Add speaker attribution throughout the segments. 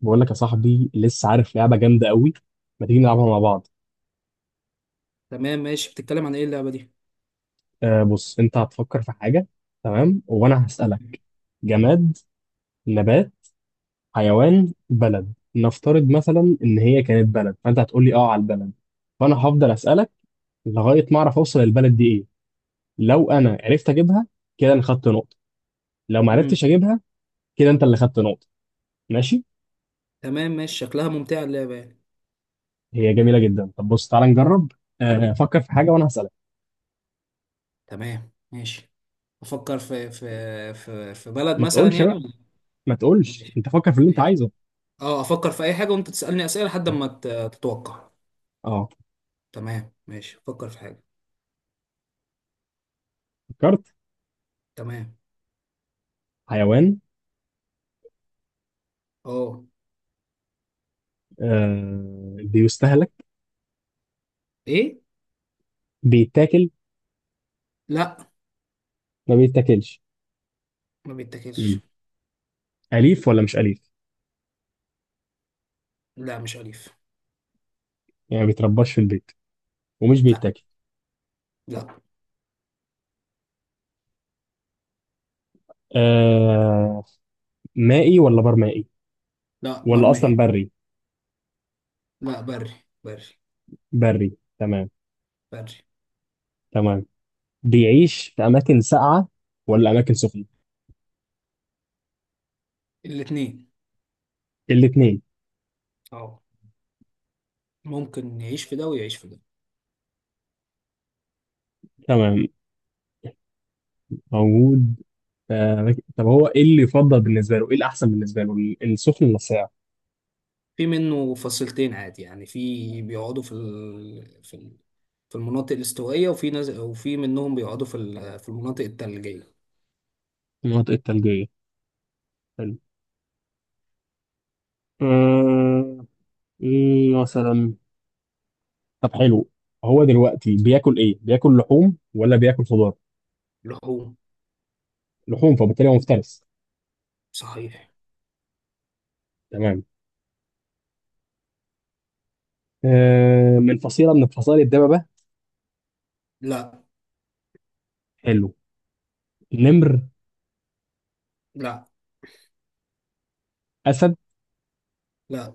Speaker 1: بقول لك يا صاحبي لسه عارف لعبة جامدة قوي، ما تيجي نلعبها مع بعض؟
Speaker 2: تمام، ماشي. بتتكلم عن ايه اللعبة دي؟
Speaker 1: آه، بص، انت هتفكر في حاجة تمام وانا هسألك: جماد، نبات، حيوان، بلد. نفترض مثلا ان هي كانت بلد، فانت هتقول لي اه على البلد، فانا هفضل أسألك لغاية ما اعرف اوصل البلد دي ايه. لو انا عرفت اجيبها كده انا خدت نقطة، لو ما
Speaker 2: امم.
Speaker 1: عرفتش اجيبها كده انت اللي خدت نقطة. ماشي؟
Speaker 2: تمام، ماشي، شكلها ممتعة اللعبة يعني.
Speaker 1: هي جميلة جدا. طب بص، تعالى نجرب. آه، فكر في حاجة وانا هسألك.
Speaker 2: تمام، ماشي، افكر في بلد
Speaker 1: ما
Speaker 2: مثلا
Speaker 1: تقولش
Speaker 2: يعني
Speaker 1: بقى،
Speaker 2: ولا؟
Speaker 1: ما تقولش،
Speaker 2: ماشي،
Speaker 1: انت فكر في اللي انت
Speaker 2: ماشي.
Speaker 1: عايزه.
Speaker 2: اه افكر في اي حاجة وانت تسألني اسئلة لحد ما تتوقع.
Speaker 1: اه.
Speaker 2: تمام، ماشي، افكر في حاجة.
Speaker 1: فكرت؟
Speaker 2: تمام.
Speaker 1: حيوان.
Speaker 2: اه.
Speaker 1: آه، بيستهلك؟
Speaker 2: ايه؟
Speaker 1: بيتاكل؟
Speaker 2: لا.
Speaker 1: ما بيتاكلش.
Speaker 2: ما بيتاكلش.
Speaker 1: مم. أليف ولا مش أليف؟
Speaker 2: لا، مش اليف.
Speaker 1: يعني ما بيترباش في البيت ومش
Speaker 2: لا.
Speaker 1: بيتاكل.
Speaker 2: لا.
Speaker 1: آه. مائي ولا برمائي
Speaker 2: لا،
Speaker 1: ولا أصلا
Speaker 2: برمائي.
Speaker 1: بري؟
Speaker 2: لا، بري. بري.
Speaker 1: بري، تمام.
Speaker 2: بري.
Speaker 1: تمام. بيعيش في أماكن ساقعة ولا أماكن سخنة؟
Speaker 2: الاتنين.
Speaker 1: الاتنين،
Speaker 2: اه، ممكن يعيش في ده ويعيش في ده.
Speaker 1: تمام. موجود في طب هو إيه اللي يفضل بالنسبة له، إيه الأحسن بالنسبة له، السخن ولا الساقع؟
Speaker 2: في منه فصيلتين عادي يعني، في بيقعدوا في المناطق الاستوائية، وفي ناس، وفي منهم بيقعدوا في المناطق الثلجية.
Speaker 1: المناطق الثلجية، حلو. آه، إيه مثلا؟ طب حلو، هو دلوقتي بياكل ايه، بياكل لحوم ولا بياكل خضار؟
Speaker 2: لحوم.
Speaker 1: لحوم، فبالتالي هو مفترس.
Speaker 2: صحيح.
Speaker 1: تمام. آه، من فصيله من فصائل الدببه؟
Speaker 2: لا.
Speaker 1: حلو. نمر؟
Speaker 2: لا.
Speaker 1: اسد؟
Speaker 2: لا.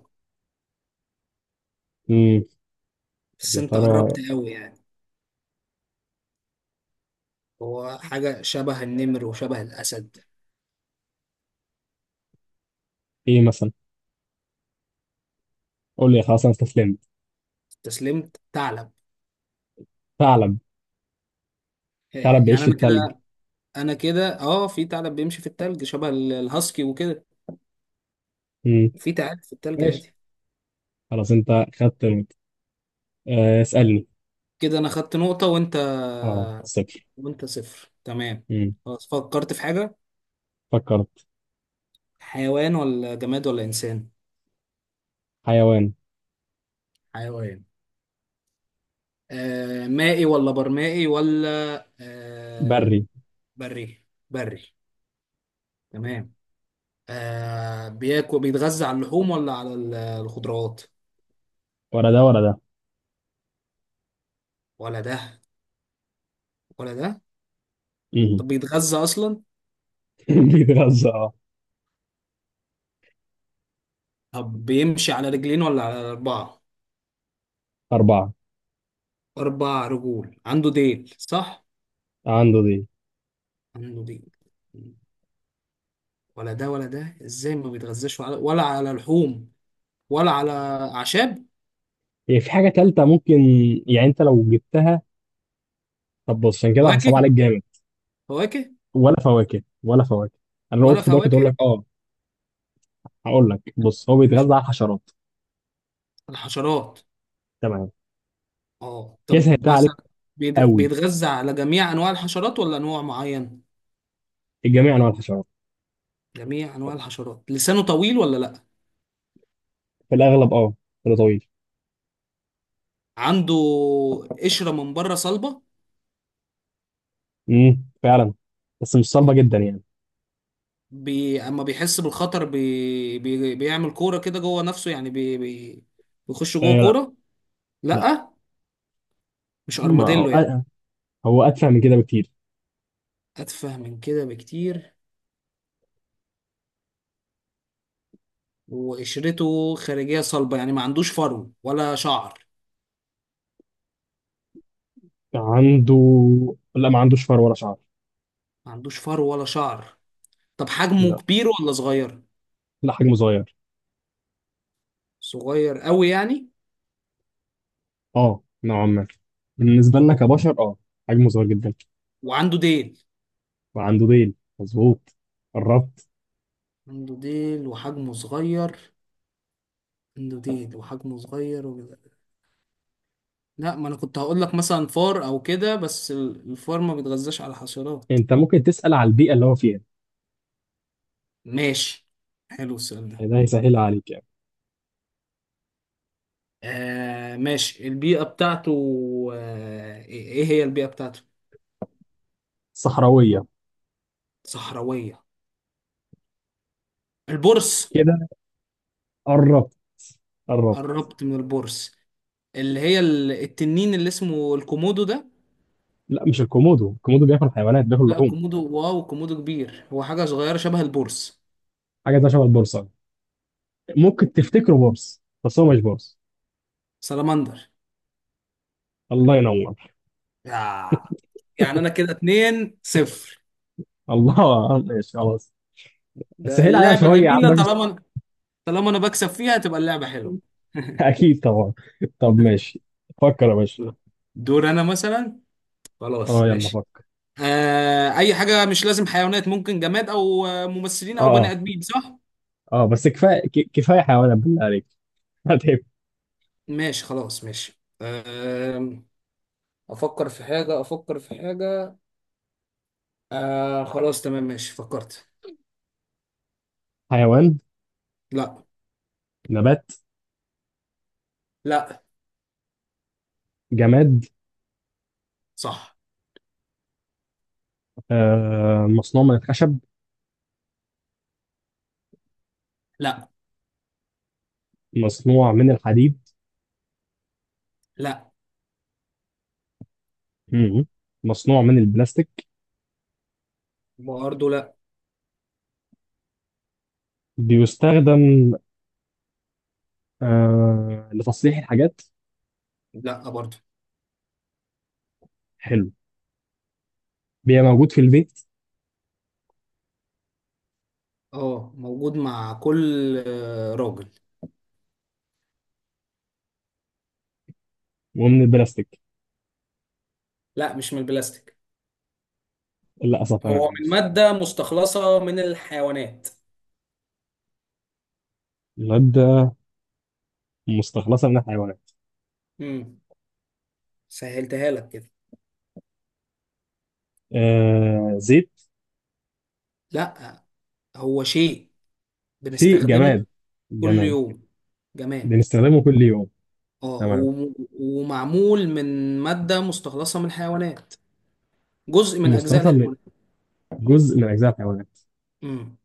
Speaker 1: امم طب
Speaker 2: بس
Speaker 1: يا
Speaker 2: انت
Speaker 1: ترى،
Speaker 2: قربت قوي يعني. هو حاجة شبه النمر وشبه الأسد.
Speaker 1: ايه مثلا؟ قول لي، خلاص انا استسلمت.
Speaker 2: استسلمت؟ ثعلب.
Speaker 1: ثعلب؟
Speaker 2: آه.
Speaker 1: ثعلب بيعيش
Speaker 2: يعني
Speaker 1: في
Speaker 2: انا
Speaker 1: الثلج؟
Speaker 2: كده انا كده في ثعلب بيمشي في الثلج شبه الهاسكي وكده.
Speaker 1: امم
Speaker 2: في ثعالب في الثلج
Speaker 1: ماشي،
Speaker 2: عادي.
Speaker 1: خلاص انت خدت نقطة. آه، اسالني.
Speaker 2: كده انا خدت نقطة، وانت
Speaker 1: اه، صفر.
Speaker 2: وانت صفر، تمام.
Speaker 1: امم
Speaker 2: خلاص، فكرت في حاجة.
Speaker 1: فكرت.
Speaker 2: حيوان ولا جماد ولا إنسان؟
Speaker 1: حيوان.
Speaker 2: حيوان. آه، مائي ولا برمائي ولا؟ آه.
Speaker 1: بري.
Speaker 2: بري، بري، تمام. آه، بيتغذى على اللحوم ولا على الخضروات؟
Speaker 1: ولا ده ولا ده.
Speaker 2: ولا ده ولا ده.
Speaker 1: امم
Speaker 2: طب بيتغذى أصلا؟
Speaker 1: بيتغذى اه؟
Speaker 2: طب بيمشي على رجلين ولا على أربعة؟
Speaker 1: اربعه.
Speaker 2: أربع رجول، عنده ديل صح؟
Speaker 1: عنده دي.
Speaker 2: عنده ديل. ولا ده ولا ده، إزاي؟ ما بيتغذاش ولا على لحوم ولا على أعشاب؟
Speaker 1: هي في حاجة تالتة ممكن، يعني انت لو جبتها. طب بص انا كده هصعب
Speaker 2: فواكه؟
Speaker 1: عليك جامد.
Speaker 2: فواكه؟
Speaker 1: ولا فواكه، ولا فواكه. انا لو
Speaker 2: ولا
Speaker 1: قلت خضار كنت اقول
Speaker 2: فواكه؟
Speaker 1: لك اه. هقول لك بص، هو
Speaker 2: مش
Speaker 1: بيتغذى على الحشرات.
Speaker 2: الحشرات؟
Speaker 1: تمام،
Speaker 2: اه.
Speaker 1: كده
Speaker 2: طب
Speaker 1: سهلتها عليك
Speaker 2: مثلا،
Speaker 1: قوي.
Speaker 2: بيتغذى على جميع انواع الحشرات ولا انواع معين؟
Speaker 1: الجميع انواع الحشرات.
Speaker 2: جميع انواع الحشرات، لسانه طويل ولا لا؟
Speaker 1: في الاغلب اه، كده طويل.
Speaker 2: عنده قشرة من بره صلبة؟
Speaker 1: فعلا، بس مش صلبة
Speaker 2: يبقى
Speaker 1: جدا يعني.
Speaker 2: اما بيحس بالخطر بيعمل كورة كده جوه نفسه يعني، بيخش جوه
Speaker 1: آه لا.
Speaker 2: كورة.
Speaker 1: لا.
Speaker 2: لا، مش
Speaker 1: ما هو
Speaker 2: ارماديلو يعني؟
Speaker 1: آه، هو اتفه من كده بكتير.
Speaker 2: اتفه من كده بكتير؟ وقشرته خارجية صلبة يعني ما عندوش فرو ولا شعر؟
Speaker 1: عنده لا، ما عندوش فر ولا شعر.
Speaker 2: ما عندوش فرو ولا شعر. طب حجمه
Speaker 1: لا.
Speaker 2: كبير ولا صغير؟
Speaker 1: لا، حجمه صغير.
Speaker 2: صغير قوي يعني؟
Speaker 1: اه نوعا ما، بالنسبة لنا كبشر اه، حجمه صغير جدا.
Speaker 2: وعنده ديل.
Speaker 1: وعنده ديل، مظبوط. قربت.
Speaker 2: عنده ديل وحجمه صغير. عنده ديل وحجمه صغير وكده. لا، ما انا كنت هقول لك مثلا فار او كده، بس الفار ما بيتغذاش على حشرات.
Speaker 1: انت ممكن تسأل على البيئة اللي هو فيها،
Speaker 2: ماشي. حلو السؤال ده.
Speaker 1: يعني ده هيسهلها عليك يعني.
Speaker 2: آه، ماشي، البيئة بتاعته. آه، إيه هي البيئة بتاعته؟
Speaker 1: صحراوية.
Speaker 2: صحراوية؟ البرص.
Speaker 1: كده قربت. قربت.
Speaker 2: قربت من البرص اللي هي التنين اللي اسمه الكومودو ده.
Speaker 1: لا مش الكومودو، الكومودو بياكل حيوانات، بياكل
Speaker 2: لا،
Speaker 1: لحوم.
Speaker 2: الكومودو؟ واو، الكومودو كبير، هو حاجة صغيرة شبه البرص.
Speaker 1: حاجة ده شبه البورصة، ممكن تفتكره بورص بس هو مش بورص.
Speaker 2: سلامندر؟
Speaker 1: الله ينور.
Speaker 2: آه. يعني انا كده 2-0.
Speaker 1: الله، ماشي خلاص،
Speaker 2: ده
Speaker 1: سهل عليها
Speaker 2: اللعبة
Speaker 1: شوية يا عم
Speaker 2: جميلة،
Speaker 1: باشا.
Speaker 2: طالما، طالما انا بكسب فيها تبقى اللعبة حلوة.
Speaker 1: أكيد طبعا. طب ماشي، فكر يا باشا.
Speaker 2: دور انا مثلا. خلاص،
Speaker 1: اه يلا
Speaker 2: ماشي.
Speaker 1: فكر.
Speaker 2: آه، اي حاجة، مش لازم حيوانات، ممكن جماد او ممثلين او بني
Speaker 1: اه،
Speaker 2: ادمين صح؟
Speaker 1: اه، اه بس كفاية، كفاية حيوانات بالله عليك. هتعب.
Speaker 2: ماشي، خلاص، ماشي. آه، افكر في حاجة، افكر في حاجة. آه، خلاص، تمام، ماشي، فكرت.
Speaker 1: حيوان؟
Speaker 2: لا.
Speaker 1: نبات؟
Speaker 2: لا.
Speaker 1: جماد؟
Speaker 2: صح.
Speaker 1: آه، مصنوع من الخشب؟
Speaker 2: لا.
Speaker 1: مصنوع من الحديد؟
Speaker 2: لا
Speaker 1: مم. مصنوع من البلاستيك؟
Speaker 2: برضه. لا.
Speaker 1: بيستخدم آه، لتصليح الحاجات؟
Speaker 2: لا برضه.
Speaker 1: حلو. بيبقى موجود في البيت؟
Speaker 2: اه، موجود مع كل راجل.
Speaker 1: ومن البلاستيك؟
Speaker 2: لا، مش من البلاستيك.
Speaker 1: للأسف. تمام،
Speaker 2: هو من
Speaker 1: ماشي.
Speaker 2: مادة مستخلصة من الحيوانات.
Speaker 1: مادة مستخلصة من الحيوانات؟
Speaker 2: امم. سهلتها لك كده.
Speaker 1: آه، زيت؟
Speaker 2: لا. هو شيء
Speaker 1: شيء
Speaker 2: بنستخدمه
Speaker 1: جماد.
Speaker 2: كل
Speaker 1: جماد،
Speaker 2: يوم. جماد.
Speaker 1: بنستخدمه كل يوم.
Speaker 2: اه،
Speaker 1: تمام.
Speaker 2: ومعمول من مادة مستخلصة من الحيوانات، جزء من أجزاء
Speaker 1: مستخلصة من
Speaker 2: الحيوانات.
Speaker 1: جزء من أجزاء الحيوانات.
Speaker 2: امم.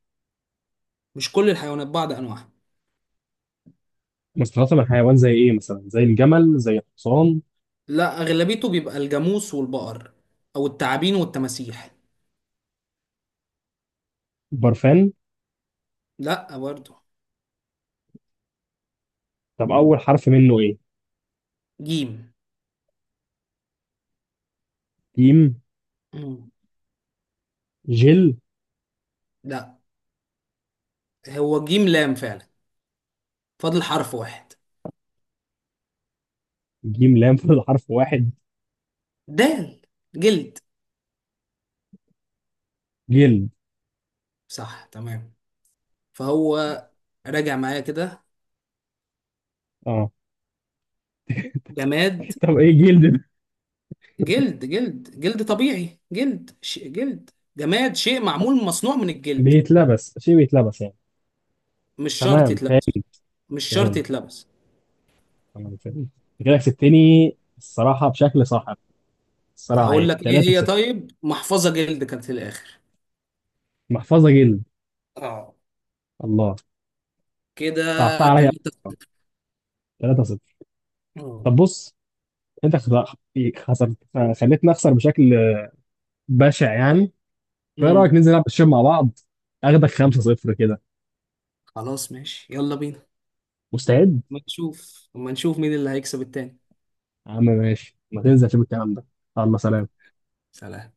Speaker 2: مش كل الحيوانات، بعض أنواعها.
Speaker 1: مستخلصة من حيوان زي إيه مثلا، زي الجمل، زي الحصان؟
Speaker 2: لا، أغلبيته بيبقى الجاموس والبقر، أو التعابين والتماسيح.
Speaker 1: برفان؟
Speaker 2: لا برضه.
Speaker 1: طب أول حرف منه إيه؟
Speaker 2: جيم.
Speaker 1: جيم.
Speaker 2: امم.
Speaker 1: جل؟
Speaker 2: لا. هو جيم لام فعلا، فاضل حرف واحد.
Speaker 1: جيم لام، فاضل حرف واحد.
Speaker 2: دال. جلد.
Speaker 1: جلد.
Speaker 2: صح، تمام. فهو، راجع معايا كده؟
Speaker 1: اه.
Speaker 2: جماد.
Speaker 1: طب ايه جلد ده؟
Speaker 2: جلد، جلد، جلد طبيعي، جلد جلد. جماد، شيء معمول مصنوع من الجلد.
Speaker 1: بيتلبس؟ شيء بيتلبس يعني؟
Speaker 2: مش شرط
Speaker 1: تمام
Speaker 2: يتلبس.
Speaker 1: فاهم.
Speaker 2: مش شرط
Speaker 1: فاهم.
Speaker 2: يتلبس.
Speaker 1: تمام فاهم أنت، كده كسبتني الصراحه بشكل صاحب، الصراحه
Speaker 2: هقول
Speaker 1: يعني
Speaker 2: لك ايه
Speaker 1: 3
Speaker 2: هي،
Speaker 1: 0.
Speaker 2: طيب، محفظة جلد كانت في الاخر.
Speaker 1: محفظه جلد،
Speaker 2: اه.
Speaker 1: الله،
Speaker 2: كده.
Speaker 1: صعبتها عليا.
Speaker 2: تلاتة.
Speaker 1: 3 0.
Speaker 2: اه.
Speaker 1: طب بص، انت خسرت. خسرت، خليتني اخسر بشكل بشع يعني. فايه رايك
Speaker 2: امم.
Speaker 1: ننزل نلعب الشوط مع بعض، اخدك 5 0 كده؟
Speaker 2: خلاص، ماشي، يلا بينا.
Speaker 1: مستعد.
Speaker 2: ما نشوف مين اللي هيكسب التاني.
Speaker 1: يا عم ماشي، ما تنزل شوف الكلام ده. الله، سلام.
Speaker 2: سلام.